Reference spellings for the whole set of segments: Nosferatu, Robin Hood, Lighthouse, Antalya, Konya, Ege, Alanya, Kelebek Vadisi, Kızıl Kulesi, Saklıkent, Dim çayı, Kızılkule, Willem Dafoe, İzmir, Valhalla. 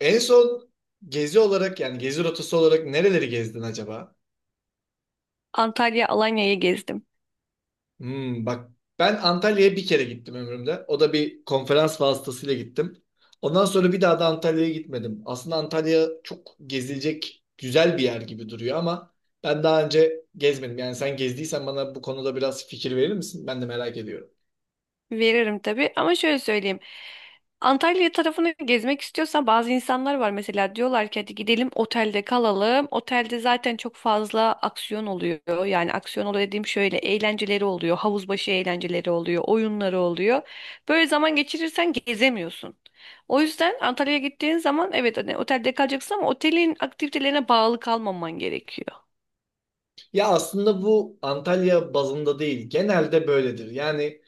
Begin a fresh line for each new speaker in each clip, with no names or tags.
En son gezi olarak yani gezi rotası olarak nereleri gezdin acaba?
Antalya, Alanya'yı gezdim.
Hmm, bak ben Antalya'ya bir kere gittim ömrümde. O da bir konferans vasıtasıyla gittim. Ondan sonra bir daha da Antalya'ya gitmedim. Aslında Antalya çok gezilecek güzel bir yer gibi duruyor ama ben daha önce gezmedim. Yani sen gezdiysen bana bu konuda biraz fikir verir misin? Ben de merak ediyorum.
Veririm tabii ama şöyle söyleyeyim. Antalya tarafını gezmek istiyorsan bazı insanlar var mesela diyorlar ki hadi gidelim otelde kalalım. Otelde zaten çok fazla aksiyon oluyor. Yani aksiyon oluyor dediğim şöyle eğlenceleri oluyor. Havuz başı eğlenceleri oluyor. Oyunları oluyor. Böyle zaman geçirirsen gezemiyorsun. O yüzden Antalya'ya gittiğin zaman evet hani otelde kalacaksın ama otelin aktivitelerine bağlı kalmaman gerekiyor.
Ya aslında bu Antalya bazında değil. Genelde böyledir. Yani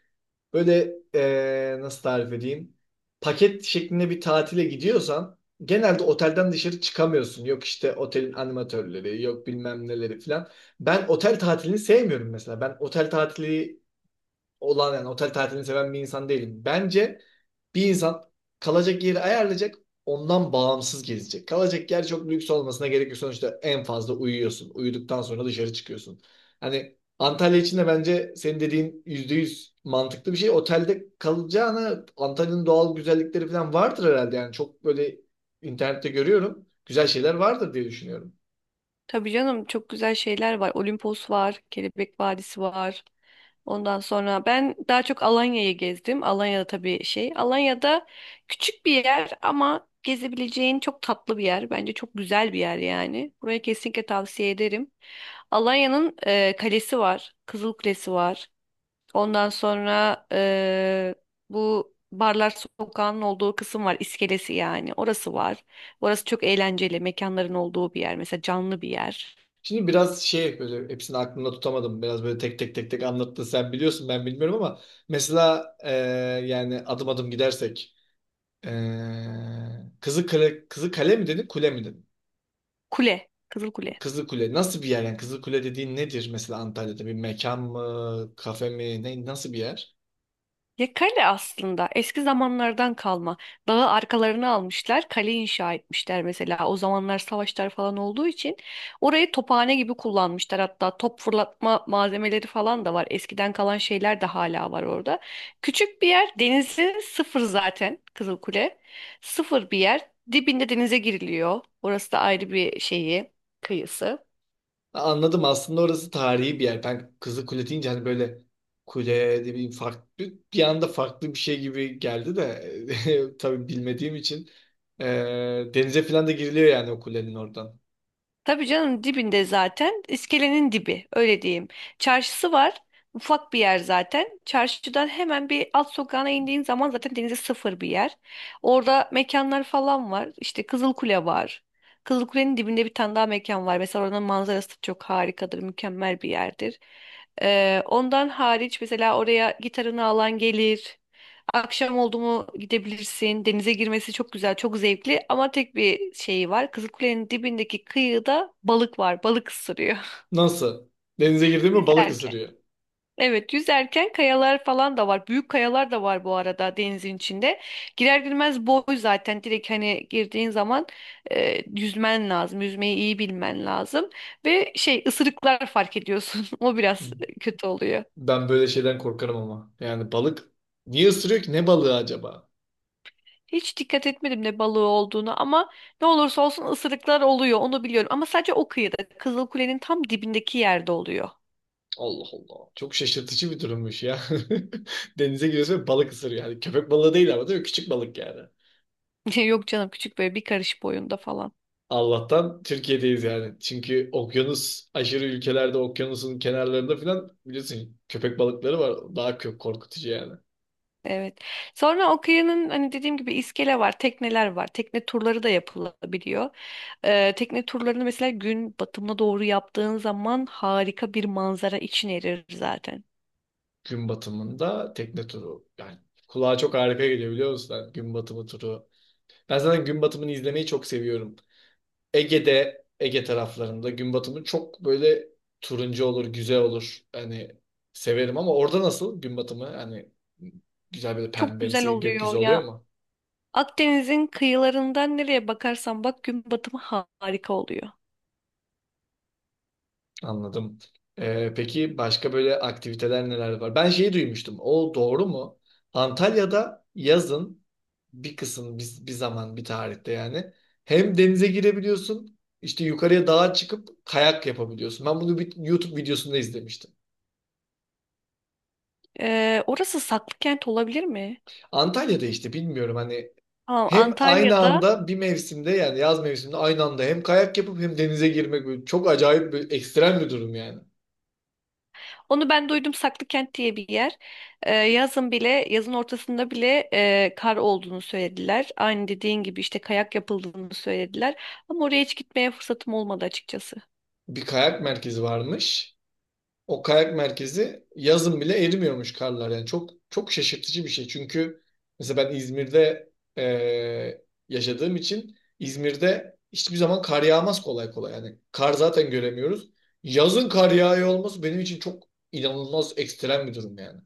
böyle nasıl tarif edeyim? Paket şeklinde bir tatile gidiyorsan genelde otelden dışarı çıkamıyorsun. Yok işte otelin animatörleri, yok bilmem neleri falan. Ben otel tatilini sevmiyorum mesela. Ben otel tatili olan yani otel tatilini seven bir insan değilim. Bence bir insan kalacak yeri ayarlayacak, ondan bağımsız gezecek. Kalacak yer çok lüks olmasına gerek yok. Sonuçta en fazla uyuyorsun. Uyuduktan sonra dışarı çıkıyorsun. Hani Antalya için de bence senin dediğin %100 mantıklı bir şey. Otelde kalacağına Antalya'nın doğal güzellikleri falan vardır herhalde. Yani çok böyle internette görüyorum. Güzel şeyler vardır diye düşünüyorum.
Tabii canım çok güzel şeyler var. Olimpos var, Kelebek Vadisi var. Ondan sonra ben daha çok Alanya'yı gezdim. Alanya'da tabii şey. Alanya'da küçük bir yer ama gezebileceğin çok tatlı bir yer. Bence çok güzel bir yer yani. Buraya kesinlikle tavsiye ederim. Alanya'nın kalesi var. Kızıl Kulesi var. Ondan sonra bu Barlar Sokağı'nın olduğu kısım var. İskelesi yani. Orası var. Orası çok eğlenceli. Mekanların olduğu bir yer. Mesela canlı bir yer.
Şimdi biraz şey böyle hepsini aklımda tutamadım. Biraz böyle tek tek tek tek anlattın. Sen biliyorsun ben bilmiyorum ama mesela, yani adım adım gidersek, e, Kızı Kale, Kızı Kale mi dedin, kule mi dedin?
Kule. Kızıl Kule.
Kızı Kule nasıl bir yer, yani Kızı Kule dediğin nedir mesela, Antalya'da bir mekan mı, kafe mi, ne, nasıl bir yer?
Ya kale aslında eski zamanlardan kalma. Dağı arkalarına almışlar, kale inşa etmişler mesela. O zamanlar savaşlar falan olduğu için orayı tophane gibi kullanmışlar. Hatta top fırlatma malzemeleri falan da var. Eskiden kalan şeyler de hala var orada. Küçük bir yer, denizi sıfır zaten Kızılkule. Sıfır bir yer. Dibinde denize giriliyor. Orası da ayrı bir şeyi, kıyısı.
Anladım, aslında orası tarihi bir yer. Ben Kızılkule deyince hani böyle kule de bir farklı, bir anda farklı bir şey gibi geldi de tabii bilmediğim için. Ee, Denize falan da giriliyor yani, o kulenin oradan.
Tabii canım dibinde zaten. İskelenin dibi öyle diyeyim. Çarşısı var. Ufak bir yer zaten. Çarşıdan hemen bir alt sokağına indiğin zaman zaten denize sıfır bir yer. Orada mekanlar falan var. İşte Kızılkule var. Kızılkule'nin dibinde bir tane daha mekan var. Mesela oranın manzarası çok harikadır, mükemmel bir yerdir. Ondan hariç mesela oraya gitarını alan gelir. Akşam oldu mu gidebilirsin. Denize girmesi çok güzel, çok zevkli ama tek bir şeyi var. Kızılkule'nin dibindeki kıyıda balık var. Balık ısırıyor.
Nasıl? Denize girdi mi balık
Yüzerken.
ısırıyor.
Evet, yüzerken kayalar falan da var. Büyük kayalar da var bu arada denizin içinde. Girer girmez boy zaten. Direkt hani girdiğin zaman yüzmen lazım. Yüzmeyi iyi bilmen lazım. Ve ısırıklar fark ediyorsun. O biraz kötü oluyor.
Ben böyle şeyden korkarım ama. Yani balık niye ısırıyor ki? Ne balığı acaba?
Hiç dikkat etmedim ne balığı olduğunu ama ne olursa olsun ısırıklar oluyor onu biliyorum. Ama sadece o kıyıda Kızılkule'nin tam dibindeki yerde oluyor.
Allah Allah. Çok şaşırtıcı bir durummuş ya. Denize giriyorsun ve balık ısırıyor. Yani köpek balığı değil ama, değil mi? Küçük balık yani.
Yok canım küçük böyle bir karış boyunda falan.
Allah'tan Türkiye'deyiz yani. Çünkü okyanus aşırı ülkelerde okyanusun kenarlarında falan biliyorsun köpek balıkları var. Daha çok korkutucu yani.
Evet. Sonra o kıyının hani dediğim gibi iskele var, tekneler var. Tekne turları da yapılabiliyor. Tekne turlarını mesela gün batımına doğru yaptığın zaman harika bir manzara için erir zaten.
Gün batımında tekne turu. Yani kulağa çok harika geliyor biliyor musun? Yani gün batımı turu. Ben zaten gün batımını izlemeyi çok seviyorum. Ege'de, Ege taraflarında gün batımı çok böyle turuncu olur, güzel olur. Hani severim ama orada nasıl gün batımı? Hani güzel böyle
Çok güzel
pembemsi gökyüzü
oluyor.
oluyor mu?
Akdeniz'in kıyılarından nereye bakarsan bak gün batımı harika oluyor.
Anladım. Peki başka böyle aktiviteler neler var? Ben şeyi duymuştum. O doğru mu? Antalya'da yazın bir kısım, bir zaman, bir tarihte yani hem denize girebiliyorsun, işte yukarıya dağa çıkıp kayak yapabiliyorsun. Ben bunu bir YouTube videosunda izlemiştim.
Orası Saklıkent olabilir mi?
Antalya'da işte bilmiyorum hani
Tamam,
hem aynı
Antalya'da.
anda bir mevsimde, yani yaz mevsiminde aynı anda hem kayak yapıp hem denize girmek, böyle çok acayip bir ekstrem bir durum yani.
Onu ben duydum Saklıkent diye bir yer. Yazın bile, yazın ortasında bile kar olduğunu söylediler. Aynı dediğin gibi işte kayak yapıldığını söylediler. Ama oraya hiç gitmeye fırsatım olmadı açıkçası.
Bir kayak merkezi varmış. O kayak merkezi yazın bile erimiyormuş karlar. Yani çok çok şaşırtıcı bir şey. Çünkü mesela ben İzmir'de yaşadığım için İzmir'de hiçbir zaman kar yağmaz kolay kolay. Yani kar zaten göremiyoruz. Yazın kar yağıyor olması benim için çok inanılmaz, ekstrem bir durum yani.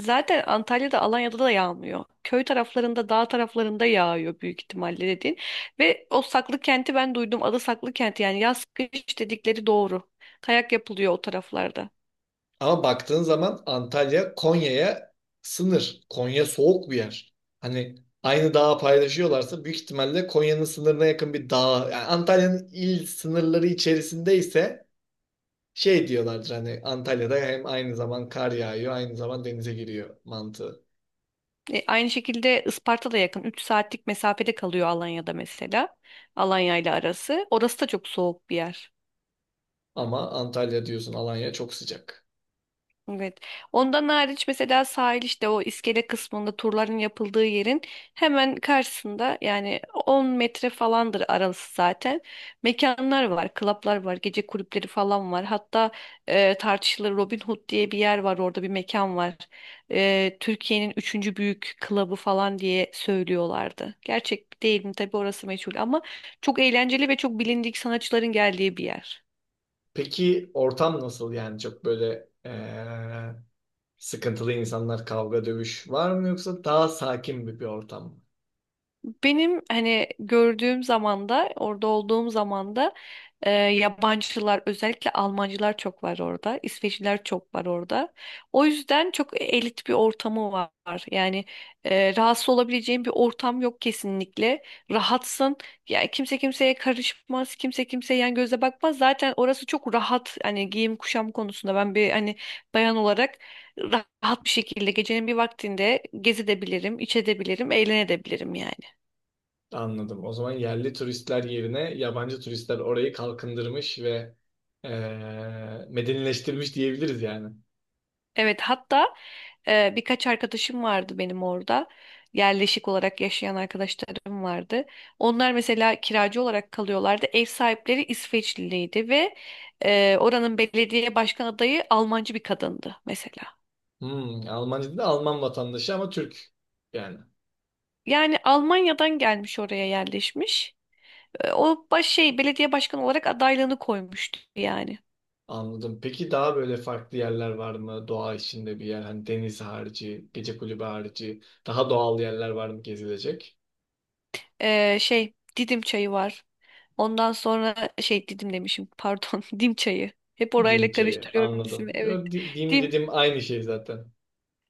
Zaten Antalya'da, Alanya'da da yağmıyor. Köy taraflarında, dağ taraflarında yağıyor büyük ihtimalle dediğin. Ve o Saklıkent'i ben duydum. Adı Saklıkent yani yaz kış dedikleri doğru. Kayak yapılıyor o taraflarda.
Ama baktığın zaman Antalya Konya'ya sınır. Konya soğuk bir yer. Hani aynı dağı paylaşıyorlarsa büyük ihtimalle Konya'nın sınırına yakın bir dağ. Yani Antalya'nın il sınırları içerisindeyse şey diyorlardır hani, Antalya'da hem aynı zaman kar yağıyor, aynı zaman denize giriyor mantığı.
Aynı şekilde Isparta da yakın. 3 saatlik mesafede kalıyor Alanya'da mesela. Alanya ile arası. Orası da çok soğuk bir yer.
Ama Antalya diyorsun, Alanya çok sıcak.
Evet. Ondan hariç mesela sahil işte o iskele kısmında turların yapıldığı yerin hemen karşısında yani 10 metre falandır arası zaten. Mekanlar var, klaplar var, gece kulüpleri falan var. Hatta tartışılır Robin Hood diye bir yer var orada bir mekan var. Türkiye'nin üçüncü büyük klabı falan diye söylüyorlardı. Gerçek değil mi? Tabii orası meçhul ama çok eğlenceli ve çok bilindik sanatçıların geldiği bir yer.
Peki ortam nasıl, yani çok böyle sıkıntılı insanlar, kavga dövüş var mı, yoksa daha sakin bir ortam mı?
Benim hani gördüğüm zamanda, orada olduğum zamanda yabancılar, özellikle Almancılar çok var orada, İsveçliler çok var orada. O yüzden çok elit bir ortamı var. Yani rahatsız olabileceğin bir ortam yok kesinlikle. Rahatsın. Yani kimse kimseye karışmaz, kimse kimseye yan göze bakmaz. Zaten orası çok rahat. Hani giyim kuşam konusunda ben bir hani bayan olarak rahat bir şekilde gecenin bir vaktinde gezebilirim, içebilirim, eğlenebilirim yani.
Anladım. O zaman yerli turistler yerine yabancı turistler orayı kalkındırmış ve medenileştirmiş diyebiliriz yani.
Evet hatta birkaç arkadaşım vardı benim orada. Yerleşik olarak yaşayan arkadaşlarım vardı. Onlar mesela kiracı olarak kalıyorlardı. Ev sahipleri İsveçliydi ve oranın belediye başkan adayı Almancı bir kadındı mesela.
Hmm, Almancı da Alman vatandaşı ama Türk yani.
Yani Almanya'dan gelmiş oraya yerleşmiş. E, o baş şey belediye başkanı olarak adaylığını koymuştu yani.
Anladım. Peki daha böyle farklı yerler var mı? Doğa içinde bir yer, hani deniz harici, gece kulübü harici, daha doğal yerler var mı gezilecek?
Didim çayı var. Ondan sonra Didim demişim pardon Dim çayı. Hep
Dim
orayla
çayı,
karıştırıyorum
anladım.
ismi evet.
Yo, Dim
Dim
dedim, aynı şey zaten.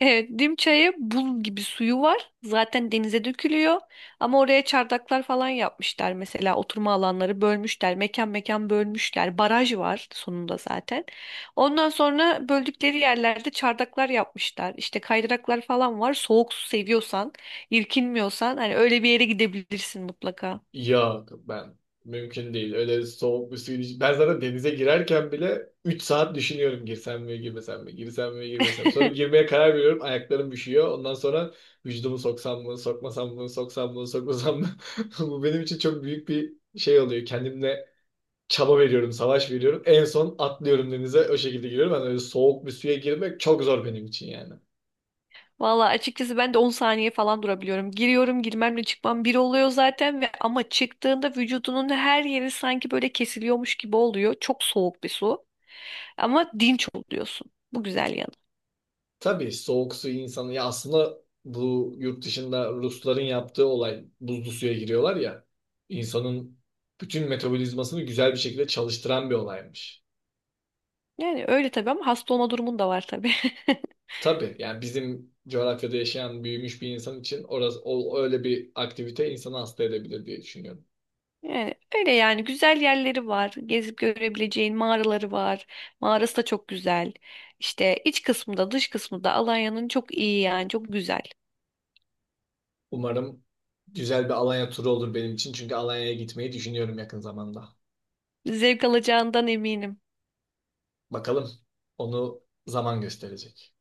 evet Dim çayı buz gibi suyu var. Zaten denize dökülüyor. Ama oraya çardaklar falan yapmışlar mesela oturma alanları bölmüşler. Mekan mekan bölmüşler. Baraj var sonunda zaten. Ondan sonra böldükleri yerlerde çardaklar yapmışlar. İşte kaydıraklar falan var. Soğuk su seviyorsan, irkinmiyorsan hani öyle bir yere gidebilirsin mutlaka.
Yok ben mümkün değil. Öyle soğuk bir suyun iç- Ben zaten denize girerken bile 3 saat düşünüyorum, girsem mi girmesem mi, girsem mi girmesem mi? Sonra girmeye karar veriyorum, ayaklarım üşüyor. Ondan sonra vücudumu soksam mı sokmasam mı, soksam mı sokmasam mı. Bu benim için çok büyük bir şey oluyor. Kendimle çaba veriyorum, savaş veriyorum. En son atlıyorum denize, o şekilde giriyorum. Ben öyle soğuk bir suya girmek çok zor benim için yani.
Valla açıkçası ben de 10 saniye falan durabiliyorum. Giriyorum, girmemle çıkmam bir oluyor zaten ve ama çıktığında vücudunun her yeri sanki böyle kesiliyormuş gibi oluyor. Çok soğuk bir su. Ama dinç oluyorsun. Bu güzel yanı.
Tabii soğuk suyu insanı, ya aslında bu yurt dışında Rusların yaptığı olay, buzlu suya giriyorlar ya, insanın bütün metabolizmasını güzel bir şekilde çalıştıran bir olaymış.
Yani öyle tabii ama hasta olma durumun da var tabii.
Tabii yani bizim coğrafyada yaşayan, büyümüş bir insan için orası, öyle bir aktivite insanı hasta edebilir diye düşünüyorum.
Yani öyle yani güzel yerleri var. Gezip görebileceğin mağaraları var. Mağarası da çok güzel. İşte iç kısmı da dış kısmı da Alanya'nın çok iyi yani çok güzel.
Umarım güzel bir Alanya turu olur benim için, çünkü Alanya'ya gitmeyi düşünüyorum yakın zamanda.
Zevk alacağından eminim.
Bakalım, onu zaman gösterecek.